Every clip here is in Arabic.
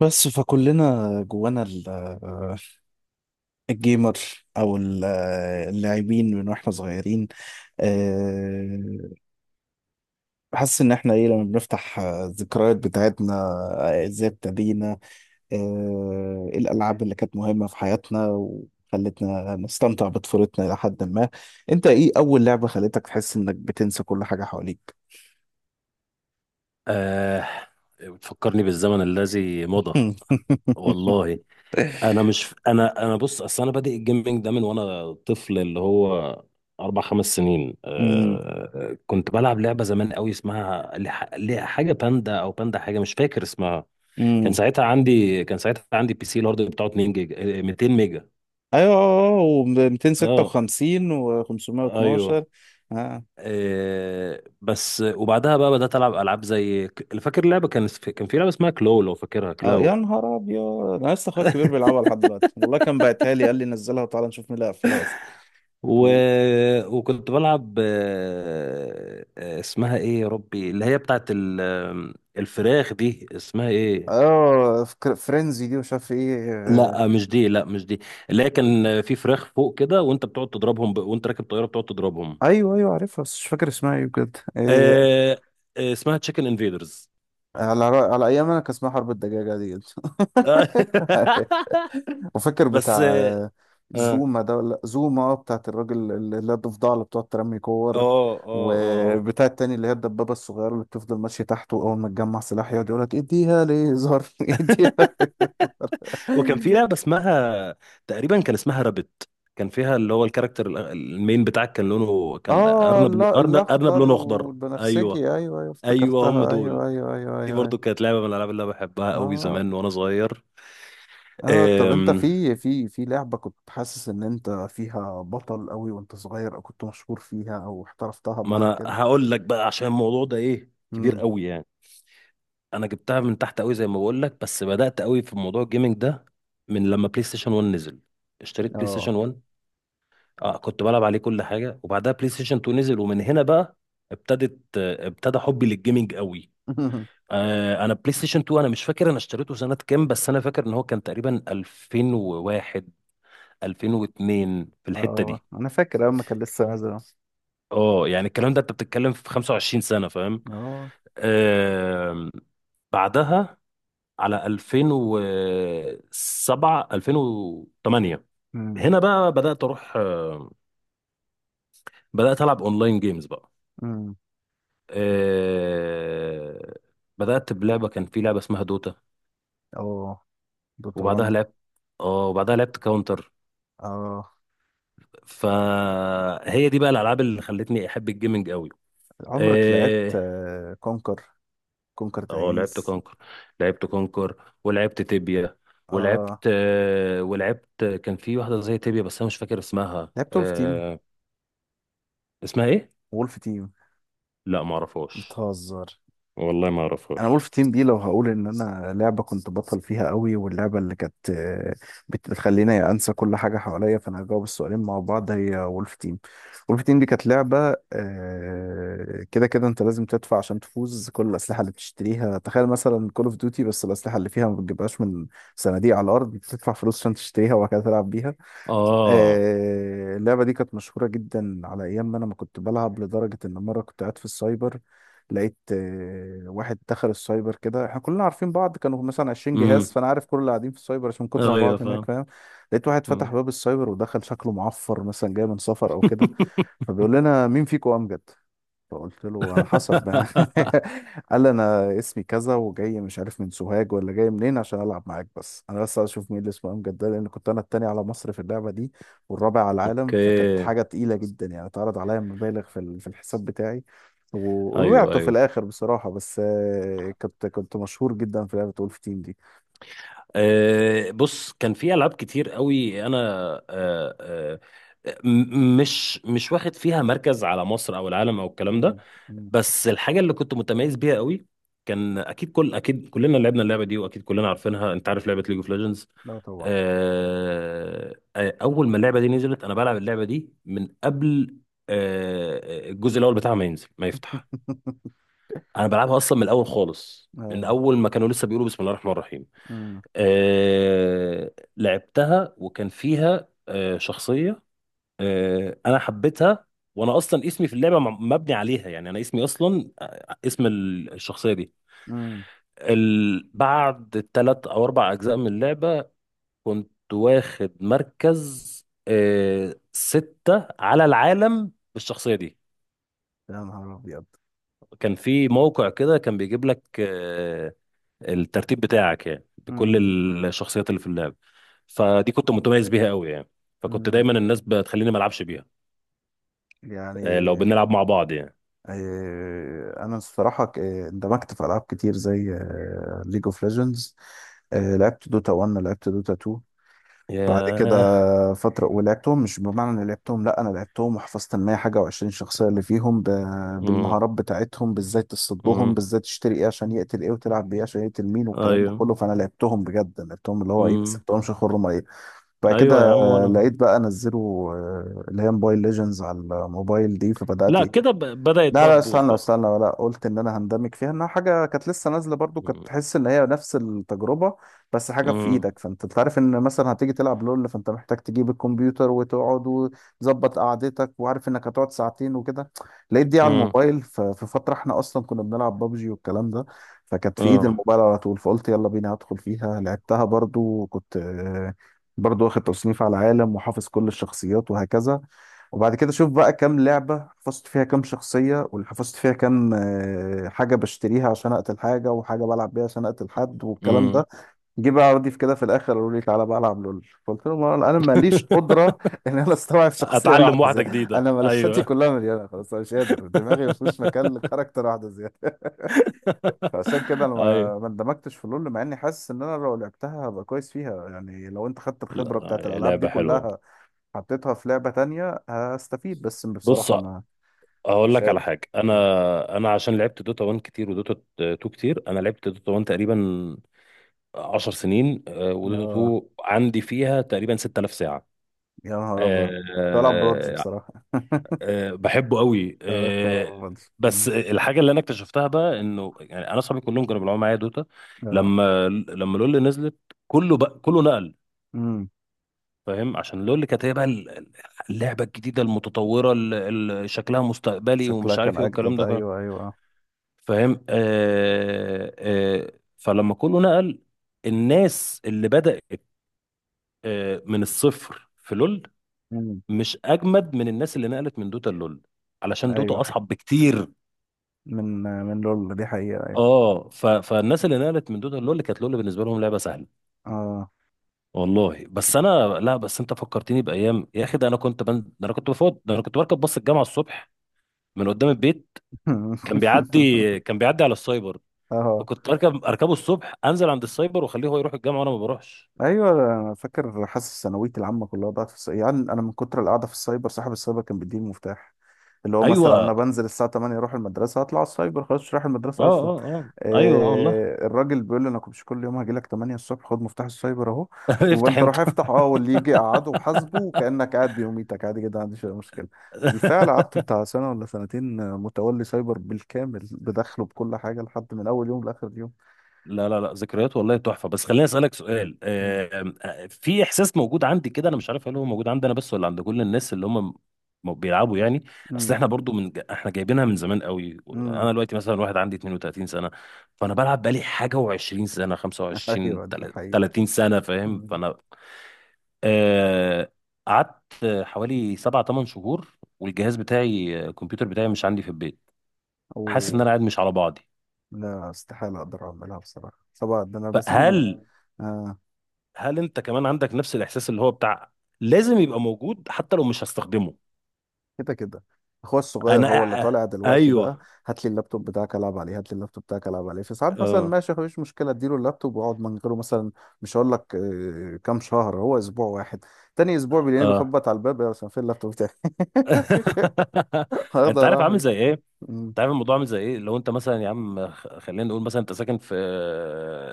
بس فكلنا جوانا الجيمر او اللاعبين من واحنا صغيرين، آه، حاسس ان احنا ايه لما بنفتح الذكريات بتاعتنا، ازاي ابتدينا، الالعاب اللي كانت مهمه في حياتنا وخلتنا نستمتع بطفولتنا الى حد ما. انت ايه اول لعبه خلتك تحس انك بتنسى كل حاجه حواليك؟ آه، بتفكرني بالزمن الذي مضى. والله انا مش انا انا بص، اصل انا بادئ الجيمنج ده من وانا طفل اللي هو 4 5 سنين. كنت بلعب لعبه زمان قوي اسمها حاجه باندا او باندا، حاجه مش فاكر اسمها. كان امم. ساعتها عندي كان ساعتها عندي بي سي، الهارد بتاعه 2 جيجا، 200 ميجا. ايوه، اه، و256 اه، و512. ايوه. اه. بس وبعدها بقى بدات العب العاب زي فاكر لعبه، كان في لعبه اسمها كلو، لو فاكرها، اه، يا كلاو. نهار ابيض. انا لسه اخويا الكبير بيلعبها لحد دلوقتي والله، كان باعتها لي، قال لي نزلها وتعالى نشوف مين اللي قفلها اصلا. و... و- وكنت بلعب اسمها ايه يا ربي اللي هي بتاعت ال... آم، الفراخ دي اسمها ايه؟ اه، فرينزي دي مش عارف ايه. لا مش دي، لا مش دي، اللي هي كان في فراخ فوق كده وانت بتقعد تضربهم وانت راكب طيارة بتقعد تضربهم. ايوه ايوه، عارفها بس مش فاكر اسمها ايه بجد. إيه؟ آه، اسمها تشيكن انفيدرز. على ايام انا كان اسمها حرب الدجاجه دي. وفاكر بس بتاع اه. اه زوما ده، ولا زوما، بتاعت الراجل اللي هي الضفدعة اللي بتقعد ترمي اه. كور. آه. آه. وبتاع التاني اللي هي الدبابة الصغيرة اللي بتفضل ماشية تحته، أول ما تجمع سلاح يقعد يقولك اديها ليزر اديها. وكان في لعبة اسمها، تقريبا كان اسمها رابت، كان فيها اللي هو الكاركتر المين بتاعك كان لونه اه، أرنب، لا، أرنب أرنب الأخضر لونه أخضر. والبنفسجي، أيوه أيوه أيوه أيوه، هم افتكرتها دول. أيوه أيوه أيوه دي أيوه، برضو أيوه. كانت لعبة من الألعاب اللي أنا بحبها قوي اه. زمان وأنا صغير. اه، طب انت أم... في لعبة كنت حاسس ان انت فيها بطل قوي وانت صغير، او كنت مشهور فيها او احترفتها ما بمعنى أنا كده؟ هقول لك بقى عشان الموضوع ده إيه كبير امم. قوي يعني. أنا جبتها من تحت قوي زي ما بقول لك، بس بدأت قوي في موضوع الجيمنج ده من لما بلاي ستيشن 1 نزل، اشتريت بلاي اه. ستيشن 1. اه، كنت بلعب عليه كل حاجه، وبعدها بلاي ستيشن 2 نزل ومن هنا بقى ابتدت آه، ابتدى حبي للجيمنج قوي. انا بلاي ستيشن 2 انا مش فاكر انا اشتريته سنه كام، بس انا فاكر ان هو كان تقريبا 2001، 2002 في الحته اه. دي. انا فاكر اول ما كان لسه نازل. اه يعني الكلام ده انت بتتكلم في 25 سنه، فاهم. اه. آم، بعدها على 2007، 2008، امم. هنا بقى بدات العب اونلاين جيمز بقى. امم. آه، بدأت بلعبة كان في لعبة اسمها دوتا. اه. دوتا وبعدها 1. لعبت اه وبعدها لعبت كاونتر. اه. فهي دي بقى الألعاب اللي خلتني أحب الجيمنج قوي. عمرك لعبت اه. كونكر؟ كونكر لعبت تعيس. كونكر، ولعبت تيبيا، اه، ولعبت، كان في واحدة زي تيبيا بس أنا مش فاكر اسمها. لعبت وولف تيم. اسمها إيه؟ وولف تيم. لا ما اعرفهاش، بتهزر. والله ما انا اعرفهاش. وولف تيم دي لو هقول ان انا لعبه كنت بطل فيها قوي، واللعبه اللي كانت بتخليني انسى كل حاجه حواليا، فانا هجاوب السؤالين مع بعض، هي وولف تيم. وولف تيم دي كانت لعبه، كده كده انت لازم تدفع عشان تفوز. كل الاسلحه اللي بتشتريها، تخيل مثلا كول اوف ديوتي، بس الاسلحه اللي فيها ما بتجيبهاش من صناديق على الارض، بتدفع فلوس عشان تشتريها وبعد كده تلعب بيها. اه. اللعبة دي كانت مشهورة جدا على أيام ما أنا ما كنت بلعب، لدرجة إن مرة كنت قاعد في السايبر، لقيت واحد دخل السايبر. كده احنا كلنا عارفين بعض، كانوا مثلا 20 جهاز، امم. فأنا عارف كل اللي قاعدين في السايبر عشان من كتر ما ايوه، بعض هناك، فاهم. فاهم. لقيت واحد مم. فتح باب السايبر ودخل، شكله معفر مثلا جاي من سفر أو كده. فبيقول لنا: مين فيكم أمجد؟ فقلت له: على حسب. قال لي: انا اسمي كذا وجاي مش عارف من سوهاج ولا جاي منين عشان العب معاك، بس انا بس عايز اشوف مين اللي اسمه امجد ده، لان كنت انا التاني على مصر في اللعبه دي والرابع على العالم. فكانت اوكي. حاجه تقيله جدا يعني. اتعرض عليا مبالغ في في الحساب بتاعي. ايوه ووقعته في ايوه. الاخر بصراحه، بس كنت مشهور جدا في لعبه وولف تيم دي. أه بص، كان في العاب كتير قوي انا، أه أه، مش واخد فيها مركز على مصر او العالم او الكلام ده، مم. مم. بس الحاجه اللي كنت متميز بيها قوي، كان اكيد، اكيد كلنا لعبنا اللعبه دي واكيد كلنا عارفينها. انت عارف لعبه ليج اوف ليجندز؟ لا طبعا. اول ما اللعبه دي نزلت انا بلعب اللعبه دي من قبل. أه آه، الجزء الاول بتاعها ما ينزل ما يفتح، انا بلعبها اصلا من الاول خالص، من اه. اول ما كانوا لسه بيقولوا بسم الله الرحمن الرحيم. مم. لعبتها، وكان فيها شخصية، أنا حبيتها. وأنا أصلا اسمي في اللعبة مبني عليها، يعني أنا اسمي أصلا اسم الشخصية دي. مم. بعد 3 أو 4 أجزاء من اللعبة، كنت واخد مركز 6 على العالم بالشخصية دي. يا نهار ابيض. كان في موقع كده كان بيجيب لك الترتيب بتاعك، يعني بكل مم. الشخصيات اللي في اللعب، فدي كنت متميز بيها قوي يعني. فكنت مم. دايما الناس بتخليني ما العبش بيها يعني. لو بنلعب مع بعض يعني. انا الصراحه، اندمجت في العاب كتير زي ليج اوف ليجندز. لعبت دوتا 1، لعبت دوتا 2. بعد كده ياه. فتره، ولعبتهم مش بمعنى اني لعبتهم، لا، انا لعبتهم وحفظت ال 100 حاجه و20 شخصيه اللي فيهم امم. بالمهارات بتاعتهم، بازاي تصدهم، امم. بازاي تشتري ايه عشان يقتل ايه، وتلعب بيه عشان يقتل مين والكلام ده ايوه. كله. فانا لعبتهم بجد، لعبتهم اللي هو ايه، بس امم. لعبتهمش خرم ايه. بعد كده ايوه يا عم. وانا لقيت بقى انزله، اللي هي موبايل ليجندز على الموبايل دي. فبدات لا، كده إيه؟ بدأت لا بقى لا، تبوظ استنى بقى. استنى، ولا قلت ان انا هندمج فيها، انها حاجه كانت لسه نازله برضو، كانت امم. تحس ان هي نفس التجربه بس حاجه في امم. ايدك. فانت تعرف ان مثلا هتيجي تلعب لول، فانت محتاج تجيب الكمبيوتر وتقعد وتظبط قعدتك، وعارف انك هتقعد ساعتين وكده. لقيت دي على امم. الموبايل. ففي فتره احنا اصلا كنا بنلعب بابجي والكلام ده، فكانت في ايد اه. الموبايل على طول. فقلت: يلا بينا هدخل فيها، لعبتها برضو، وكنت برضو واخد تصنيف على العالم وحافظ كل الشخصيات وهكذا. وبعد كده شوف بقى كام لعبة حفظت فيها كام شخصية، واللي حفظت فيها كام حاجة بشتريها عشان أقتل حاجة، وحاجة بلعب بيها عشان أقتل حد والكلام ده. امم. جه بقى عرضي في كده في الآخر، قالوا لي: تعالى بقى ألعب لول. فقلت لهم: أنا ماليش قدرة إن أنا أستوعب شخصية اتعلم واحدة واحدة زيادة. جديدة، أنا ملفاتي ايوه. كلها مليانة خلاص، أنا مش قادر، دماغي مفيش مكان لكاركتر واحدة زيادة. فعشان كده أنا ايوه. ما اندمجتش في لول، مع إني حاسس إن أنا لو لعبتها هبقى كويس فيها. يعني لو أنت خدت لا الخبرة بتاعت لا، الألعاب دي لعبة حلوة. كلها حطيتها في لعبة تانية هستفيد، بس بص بصراحة، ما، اقول مش لك على قادر. حاجه، انا عشان لعبت دوتا 1 كتير ودوتا 2 كتير، انا لعبت دوتا 1 تقريبا 10 سنين، ودوتا اه، 2 عندي فيها تقريبا 6000 ساعه. يا نهار ابيض. آه، طلع بودج آه، بصراحة. بحبه قوي. اه، طلع بودج. بس مم. الحاجه اللي انا اكتشفتها بقى انه يعني انا اصحابي كلهم كانوا بيلعبوا معايا دوتا، اه. لما لول نزلت، كله نقل. امم. فاهم، عشان لول كانت هي بقى اللعبه الجديده المتطوره اللي شكلها مستقبلي شكلها ومش كان عارف ايه والكلام اجدد، ده، ايوه ايوه. فاهم. فلما كله نقل، الناس اللي بدأت من الصفر في لول امم. مش أجمد من الناس اللي نقلت من دوتا لول، علشان دوتا ايوه. أصعب بكتير. من لول دي حقيقة، ايوه. اه فالناس اللي نقلت من دوتا لول كانت لول بالنسبة لهم لعبة سهلة. اه. والله بس انا، لا، بس انت فكرتني بايام يا اخي، ده انا كنت بركب باص الجامعه الصبح من قدام البيت، كان بيعدي على السايبر، اه. فكنت اركبه الصبح، انزل عند السايبر واخليه هو يروح الجامعه وانا ما بروحش. ايوه انا فاكر. حاسس ثانويتي العامه كلها ضاعت في يعني، انا من كتر القعده في السايبر، صاحب السايبر كان بيديني المفتاح، اللي هو ايوه مثلا انا اه. بنزل الساعه 8 اروح المدرسه، اطلع على السايبر خلاص مش رايح المدرسه اصلا. اه اه. ايوه آه، والله. الراجل بيقول لي: انا كنت كل يوم هاجي لك 8 الصبح، خد مفتاح السايبر اهو، افتح وانت انت. روح افتح. اه، واللي يجي قعده وحاسبه، وكانك قاعد بيوميتك عادي جدا، ما عنديش اي مشكله. بالفعل قعدت بتاع سنه ولا سنتين متولي سايبر بالكامل، بدخله بكل حاجه، لحد من اول يوم لاخر يوم. لا لا لا، ذكريات والله تحفه. بس خليني اسالك سؤال، في احساس موجود عندي كده، انا مش عارف هل هو موجود عندي انا بس ولا عند كل الناس اللي هم بيلعبوا يعني. اصل امم. احنا برضو من احنا جايبينها من زمان قوي، امم. انا دلوقتي مثلا واحد عندي 32 سنه، فانا بلعب بقالي حاجه و20 سنه، ايوه 25، دي حقيقة. 30 سنه، فاهم. مم. فانا آه، قعدت حوالي 7 8 شهور والجهاز بتاعي، الكمبيوتر بتاعي مش عندي في البيت، حاسس ان أوه. انا قاعد مش على بعضي. لا، استحالة أقدر أعملها بصراحة. طبعا ده أنا بسيب فهل، آه، انت كمان عندك نفس الاحساس اللي هو بتاع لازم يبقى موجود حتى لو مش هستخدمه؟ كده كده، أخويا الصغير انا هو اللي طالع دلوقتي بقى. ايوه. هات لي اللابتوب بتاعك ألعب عليه، هات لي اللابتوب بتاعك ألعب عليه في ساعات مثلا، اه ماشي مفيش مشكلة، أديله اللابتوب وأقعد من غيره مثلا. مش هقول لك كام شهر، هو أسبوع واحد، تاني أسبوع بيلاقيني اه. بخبط على الباب: يا، عشان فين اللابتوب بتاعي؟ انت هاخده عارف أروح عامل بيه. زي ايه مم. انت عارف الموضوع عامل زي ايه، لو انت مثلا يا عم، خلينا نقول مثلا انت ساكن في،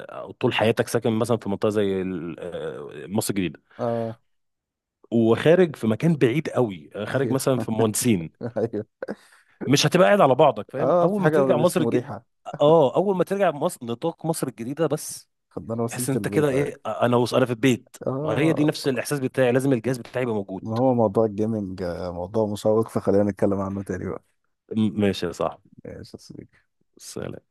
او طول حياتك ساكن مثلا في منطقه زي مصر الجديده، آه. وخارج في مكان بعيد قوي، خارج أيوه. مثلا في مهندسين، أيوه. مش هتبقى قاعد على بعضك فاهم، آه، في اول ما حاجة ترجع مش مريحة. اه اول ما ترجع مصر، نطاق مصر الجديده بس، خدنا تحس وسيلة إن انت كده البيت أهي. ايه، انا في البيت. وهي دي اه، نفس الاحساس بتاعي، لازم الجهاز بتاعي يبقى موجود. ما هو موضوع الجيمنج موضوع مشوق، فخلينا نتكلم عنه تاني بقى. ماشي يا صاحبي. ماشي يا صديقي. سلام.